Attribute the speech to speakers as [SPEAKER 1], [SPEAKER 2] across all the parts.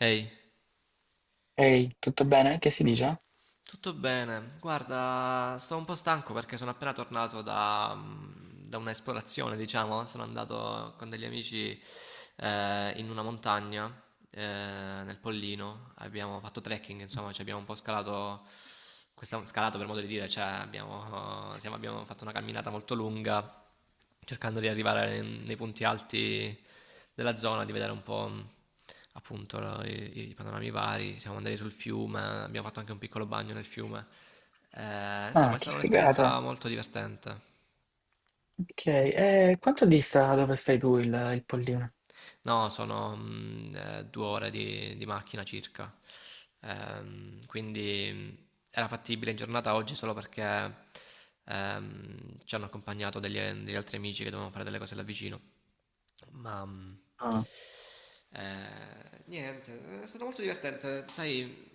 [SPEAKER 1] Ehi,
[SPEAKER 2] Ehi, tutto bene? Che si dice?
[SPEAKER 1] tutto bene? Guarda, sto un po' stanco perché sono appena tornato da un'esplorazione, diciamo. Sono andato con degli amici in una montagna, nel Pollino. Abbiamo fatto trekking, insomma, ci abbiamo un po' scalato, scalato per modo di dire, cioè abbiamo fatto una camminata molto lunga cercando di arrivare nei punti alti della zona, di vedere un po' appunto i panorami vari. Siamo andati sul fiume, abbiamo fatto anche un piccolo bagno nel fiume. Insomma,
[SPEAKER 2] Ah,
[SPEAKER 1] è
[SPEAKER 2] che
[SPEAKER 1] stata un'esperienza
[SPEAKER 2] figata.
[SPEAKER 1] molto divertente.
[SPEAKER 2] Ok, e quanto dista dove stai tu il Pollino?
[SPEAKER 1] No, sono 2 ore di macchina circa. Quindi era fattibile in giornata oggi solo perché ci hanno accompagnato degli altri amici che dovevano fare delle cose là vicino. Ma niente, è stato molto divertente. Sai,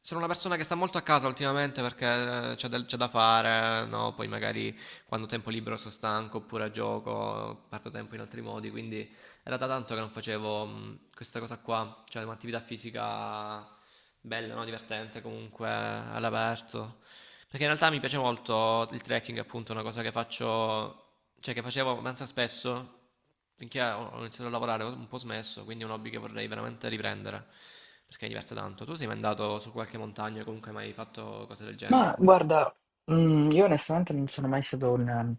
[SPEAKER 1] sono una persona che sta molto a casa ultimamente perché c'è da fare, no? Poi magari quando ho tempo libero sono stanco oppure gioco, parto tempo in altri modi, quindi era da tanto che non facevo questa cosa qua, cioè un'attività fisica bella, no? Divertente comunque, all'aperto. Perché in realtà mi piace molto il trekking, appunto, è una cosa che faccio, cioè che facevo abbastanza spesso, finché ho iniziato a lavorare ho un po' smesso, quindi è un hobby che vorrei veramente riprendere, perché mi diverte tanto. Tu sei mai andato su qualche montagna o comunque hai mai fatto cose del
[SPEAKER 2] Ma
[SPEAKER 1] genere?
[SPEAKER 2] guarda, io onestamente non sono mai stato un ehm,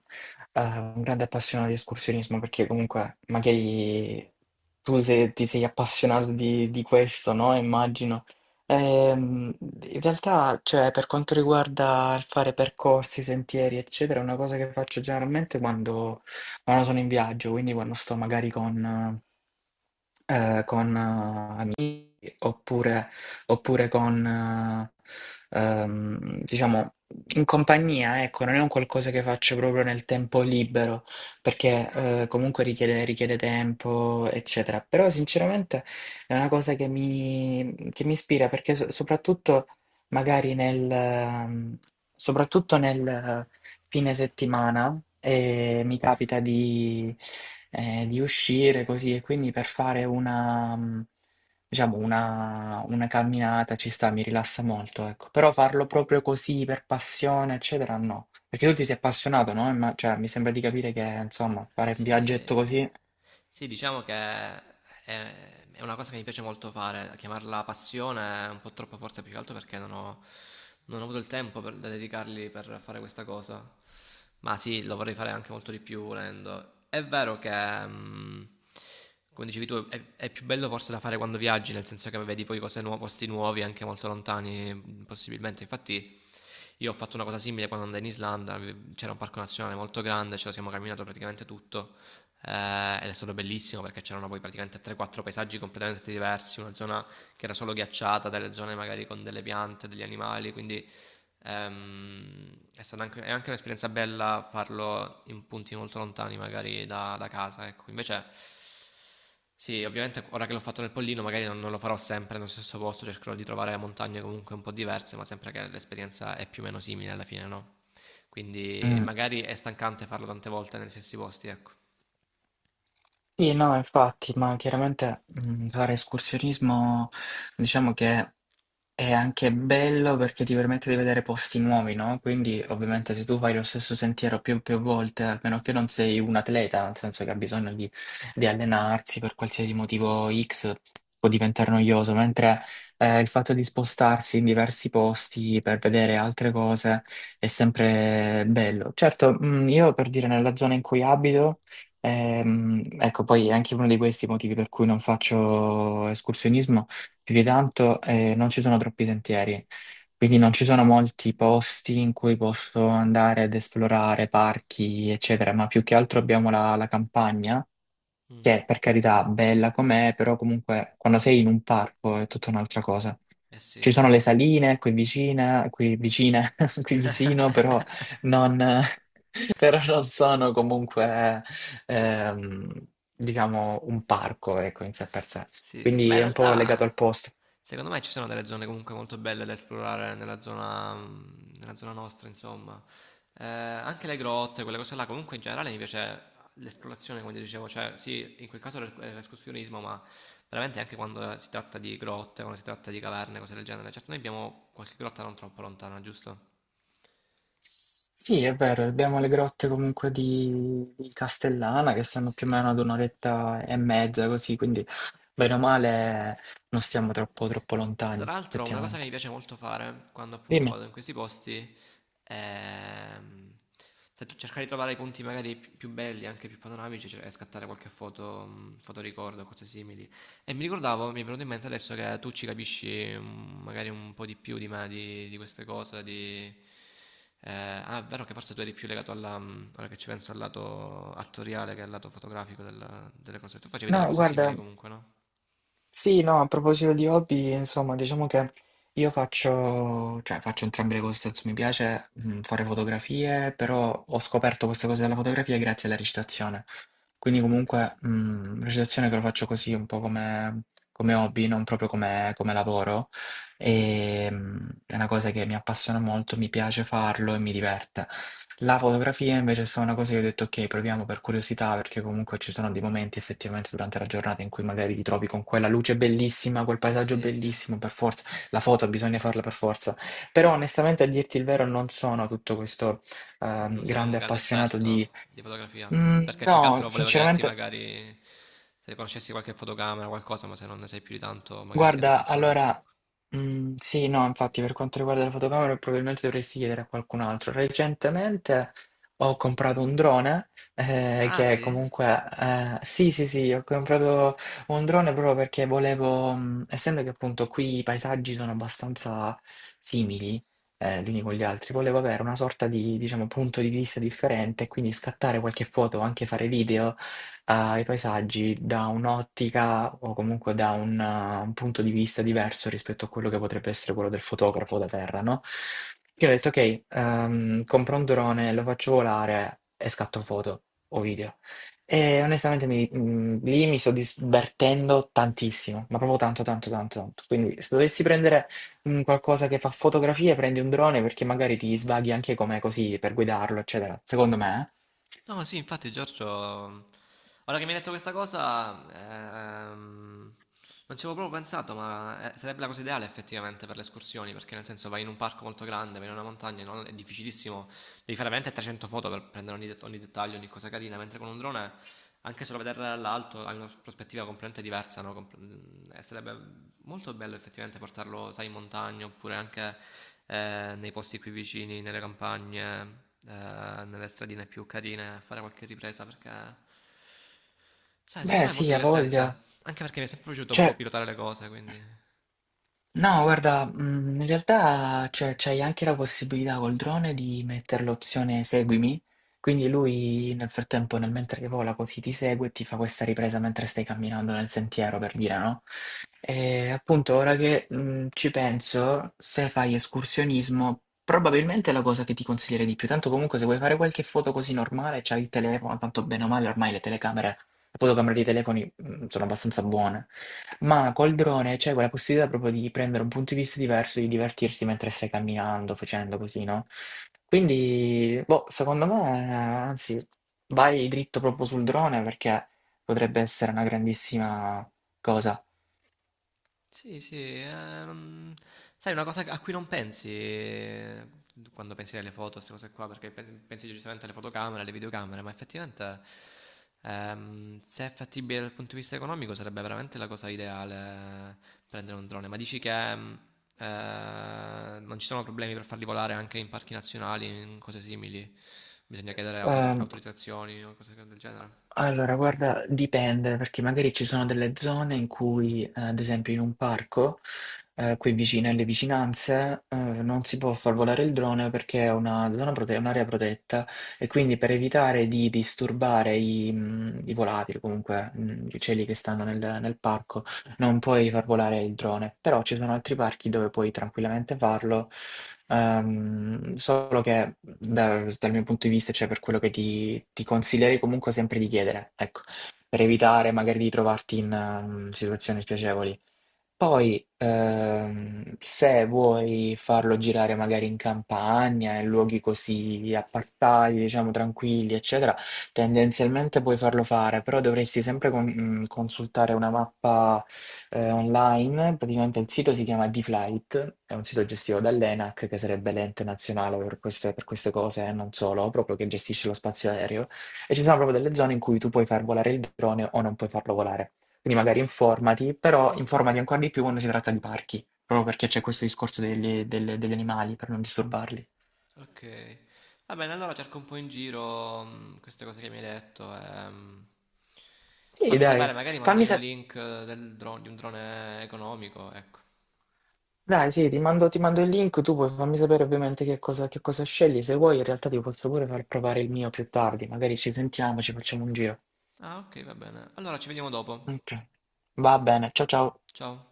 [SPEAKER 2] eh, un grande appassionato di escursionismo, perché comunque magari tu, se ti sei appassionato di questo, no, immagino. In realtà, cioè, per quanto riguarda il fare percorsi, sentieri, eccetera, è una cosa che faccio generalmente quando sono in viaggio, quindi quando sto magari con oppure, oppure con, diciamo, in compagnia, ecco. Non è un qualcosa che faccio proprio nel tempo libero, perché comunque richiede tempo, eccetera. Però sinceramente è una cosa che mi ispira, perché magari nel... ehm, Soprattutto nel fine settimana e mi capita di uscire così, e quindi per fare una, diciamo, una camminata. Ci sta, mi rilassa molto, ecco. Però farlo proprio così per passione, eccetera, no. Perché tu ti sei appassionato, no? Cioè, mi sembra di capire che, insomma, fare un
[SPEAKER 1] Sì,
[SPEAKER 2] viaggetto
[SPEAKER 1] eh,
[SPEAKER 2] così...
[SPEAKER 1] Sì, diciamo che è una cosa che mi piace molto fare, chiamarla passione è un po' troppo forse più che altro perché non ho avuto il tempo per, da dedicargli per fare questa cosa, ma sì, lo vorrei fare anche molto di più volendo. È vero che, mm, come dicevi tu, è più bello forse da fare quando viaggi, nel senso che vedi poi cose nuove, posti nuovi, anche molto lontani, possibilmente. Infatti. Io ho fatto una cosa simile quando andai in Islanda, c'era un parco nazionale molto grande, ce lo siamo camminato praticamente tutto ed è stato bellissimo perché c'erano poi praticamente 3-4 paesaggi completamente diversi, una zona che era solo ghiacciata, delle zone magari con delle piante, degli animali, quindi ehm, è anche un'esperienza bella farlo in punti molto lontani magari da casa, ecco. Invece sì, ovviamente ora che l'ho fatto nel Pollino magari non lo farò sempre nello stesso posto, cercherò di trovare montagne comunque un po' diverse, ma sempre che l'esperienza è più o meno simile alla fine, no? Quindi
[SPEAKER 2] Mm.
[SPEAKER 1] magari è stancante farlo tante volte negli stessi posti, ecco.
[SPEAKER 2] Sì, no, infatti, ma chiaramente, fare escursionismo, diciamo che è anche bello, perché ti permette di vedere posti nuovi, no? Quindi
[SPEAKER 1] Sì,
[SPEAKER 2] ovviamente,
[SPEAKER 1] sì.
[SPEAKER 2] se tu fai lo stesso sentiero più volte, a meno che non sei un atleta, nel senso che ha bisogno di allenarsi per qualsiasi motivo X, può diventare noioso, mentre il fatto di spostarsi in diversi posti per vedere altre cose è sempre bello. Certo, io, per dire, nella zona in cui abito, ecco, poi è anche uno di questi motivi per cui non faccio escursionismo più di tanto, non ci sono troppi sentieri, quindi non ci sono molti posti in cui posso andare ad esplorare parchi, eccetera, ma più che altro abbiamo la campagna,
[SPEAKER 1] Mh.
[SPEAKER 2] che è, per carità, bella com'è, però comunque quando sei in un parco è tutta un'altra cosa.
[SPEAKER 1] Eh sì,
[SPEAKER 2] Ci sono
[SPEAKER 1] sì.
[SPEAKER 2] le saline qui vicine, qui vicino, però non, però non sono comunque, ehm, diciamo, un parco, ecco, in sé per sé.
[SPEAKER 1] Sì, sì. Beh,
[SPEAKER 2] Quindi
[SPEAKER 1] in
[SPEAKER 2] è un po' legato al
[SPEAKER 1] realtà
[SPEAKER 2] posto.
[SPEAKER 1] secondo me ci sono delle zone comunque molto belle da esplorare nella zona nostra insomma. Anche le grotte, quelle cose là, comunque in generale mi piace l'esplorazione come ti dicevo, cioè sì, in quel caso l'e è l'escursionismo, ma veramente anche quando si tratta di grotte, quando si tratta di caverne, cose del genere. Certo, noi abbiamo qualche grotta non troppo lontana, giusto?
[SPEAKER 2] Sì, è vero, abbiamo le grotte comunque di Castellana, che stanno più o
[SPEAKER 1] Sì.
[SPEAKER 2] meno ad un'oretta e mezza così, quindi bene o male non stiamo troppo
[SPEAKER 1] Tra
[SPEAKER 2] lontani,
[SPEAKER 1] l'altro, una cosa che
[SPEAKER 2] effettivamente.
[SPEAKER 1] mi piace molto fare quando appunto
[SPEAKER 2] Dimmi.
[SPEAKER 1] vado in questi posti è mm, se tu- cercare di trovare i punti magari più belli, anche più panoramici, cioè, e scattare qualche foto, fotoricordo, cose simili. E mi ricordavo, mi è venuto in mente adesso che tu ci capisci magari un po' di più di me di queste cose, di. Ah, è vero che forse tu eri più legato alla, ora che ci penso, al lato attoriale che al lato fotografico delle cose. Tu facevi delle
[SPEAKER 2] No,
[SPEAKER 1] cose simili
[SPEAKER 2] guarda,
[SPEAKER 1] comunque, no?
[SPEAKER 2] sì, no, a proposito di hobby, insomma, diciamo che io faccio, cioè faccio entrambe le cose, nel senso, mi piace fare fotografie, però ho scoperto questa cosa della fotografia grazie alla recitazione. Quindi
[SPEAKER 1] Ok.
[SPEAKER 2] comunque, recitazione che lo faccio così un po' come come hobby, non proprio come lavoro. È una cosa che mi appassiona molto, mi piace farlo e mi diverte. La fotografia invece è stata una cosa che ho detto: "Okay, proviamo per curiosità", perché comunque ci sono dei momenti effettivamente durante la giornata in cui magari ti trovi con quella luce bellissima, quel paesaggio
[SPEAKER 1] Sì, sì.
[SPEAKER 2] bellissimo, per forza la foto bisogna farla, per forza. Però onestamente, a dirti il vero, non sono tutto questo
[SPEAKER 1] Non sei un
[SPEAKER 2] grande
[SPEAKER 1] grande
[SPEAKER 2] appassionato di.
[SPEAKER 1] esperto di fotografia, perché più che
[SPEAKER 2] No,
[SPEAKER 1] altro volevo chiederti
[SPEAKER 2] sinceramente.
[SPEAKER 1] magari se conoscessi qualche fotocamera, o qualcosa, ma se non ne sai più di tanto, magari chiedo a
[SPEAKER 2] Guarda,
[SPEAKER 1] qualcun altro,
[SPEAKER 2] allora,
[SPEAKER 1] ecco.
[SPEAKER 2] sì, no, infatti, per quanto riguarda la fotocamera probabilmente dovresti chiedere a qualcun altro. Recentemente ho comprato un drone,
[SPEAKER 1] Ah,
[SPEAKER 2] che
[SPEAKER 1] sì?
[SPEAKER 2] comunque, sì, sì, sì, ho comprato un drone proprio perché volevo, essendo che appunto qui i paesaggi sono abbastanza simili, gli uni con gli altri. Volevo avere una sorta di, diciamo, punto di vista differente, quindi scattare qualche foto o anche fare video i paesaggi, da un'ottica o comunque da un punto di vista diverso rispetto a quello che potrebbe essere quello del fotografo da terra, no? Io ho detto, ok, compro un drone, lo faccio volare e scatto foto o video. E onestamente lì mi sto divertendo tantissimo, ma proprio tanto, tanto, tanto, tanto. Quindi, se dovessi prendere un qualcosa che fa fotografie, prendi un drone, perché magari ti svaghi anche, come così, per guidarlo, eccetera. Secondo me, eh.
[SPEAKER 1] No, sì, infatti Giorgio, ora che mi hai detto questa cosa, ehm, non ci avevo proprio pensato, ma sarebbe la cosa ideale effettivamente per le escursioni, perché nel senso vai in un parco molto grande, vai in una montagna, no? È difficilissimo devi fare veramente 300 foto per prendere ogni dettaglio, ogni cosa carina, mentre con un drone, anche solo vederla dall'alto, hai una prospettiva completamente diversa, no? Sarebbe molto bello effettivamente portarlo, sai, in montagna oppure anche nei posti qui vicini, nelle campagne, nelle stradine più carine, a fare qualche ripresa perché. Sai, secondo
[SPEAKER 2] Beh,
[SPEAKER 1] me è molto
[SPEAKER 2] sì, ha
[SPEAKER 1] divertente,
[SPEAKER 2] voglia.
[SPEAKER 1] anche perché mi è sempre piaciuto un po'
[SPEAKER 2] Cioè,
[SPEAKER 1] pilotare le cose, quindi.
[SPEAKER 2] no, guarda, in realtà c'hai anche la possibilità, col drone, di mettere l'opzione seguimi, quindi lui nel frattempo, nel mentre che vola, così ti segue e ti fa questa ripresa mentre stai camminando nel sentiero, per dire, no? E appunto, ora che ci penso, se fai escursionismo, probabilmente è la cosa che ti consiglierei di più. Tanto comunque, se vuoi fare qualche foto così normale, c'hai il telefono. Tanto, bene o male, ormai le telecamere fotocamere dei telefoni, sono abbastanza buone, ma col drone c'hai quella possibilità proprio di prendere un punto di vista diverso, di divertirti mentre stai camminando, facendo così, no, quindi boh, secondo me anzi, vai dritto proprio sul drone, perché potrebbe essere una grandissima cosa.
[SPEAKER 1] Sì, sì, non- sai, una cosa a cui non pensi quando pensi alle foto, queste cose qua, perché pensi giustamente alle fotocamere, alle videocamere, ma effettivamente se è fattibile dal punto di vista economico sarebbe veramente la cosa ideale prendere un drone, ma dici che non ci sono problemi per farli volare anche in parchi nazionali, in cose simili, bisogna chiedere
[SPEAKER 2] Uhm
[SPEAKER 1] autorizzazioni o cose del genere?
[SPEAKER 2] Allora, guarda, dipende, perché magari ci sono delle zone in cui, ad esempio in un parco, qui vicino, alle vicinanze, non si può far volare il drone perché è una zona è un'area protetta, e quindi, per evitare di disturbare i volatili, comunque gli uccelli che stanno nel parco, non puoi far volare il drone. Però ci sono altri parchi dove puoi tranquillamente farlo. Solo che dal mio punto di vista, cioè, per quello che ti consiglierei, comunque, sempre di chiedere, ecco, per evitare magari di trovarti in situazioni spiacevoli. Poi, se vuoi farlo girare magari in campagna, in luoghi così appartati, diciamo tranquilli, eccetera, tendenzialmente puoi farlo fare, però dovresti sempre consultare una mappa online. Praticamente il sito si chiama D-Flight, è un sito gestito dall'ENAC, che sarebbe l'ente nazionale per queste, cose, e non solo, proprio che gestisce lo spazio aereo. E ci sono proprio delle zone in cui tu puoi far volare il drone o non puoi farlo volare. Quindi magari informati, però informati ancora di più quando si tratta di parchi, proprio perché c'è questo discorso degli animali, per non disturbarli.
[SPEAKER 1] Ok, va bene, allora cerco un po' in giro queste cose che mi hai detto. E tu
[SPEAKER 2] Sì,
[SPEAKER 1] fammi sapere,
[SPEAKER 2] dai,
[SPEAKER 1] magari
[SPEAKER 2] fammi
[SPEAKER 1] mandami un
[SPEAKER 2] sapere.
[SPEAKER 1] link di un drone economico, ecco.
[SPEAKER 2] Dai, sì, ti mando il link. Tu puoi fammi sapere ovviamente che cosa scegli. Se vuoi, in realtà ti posso pure far provare il mio più tardi, magari ci sentiamo, ci facciamo un giro.
[SPEAKER 1] Ah, ok, va bene. Allora ci vediamo dopo.
[SPEAKER 2] Ok, va bene, ciao ciao.
[SPEAKER 1] Ciao.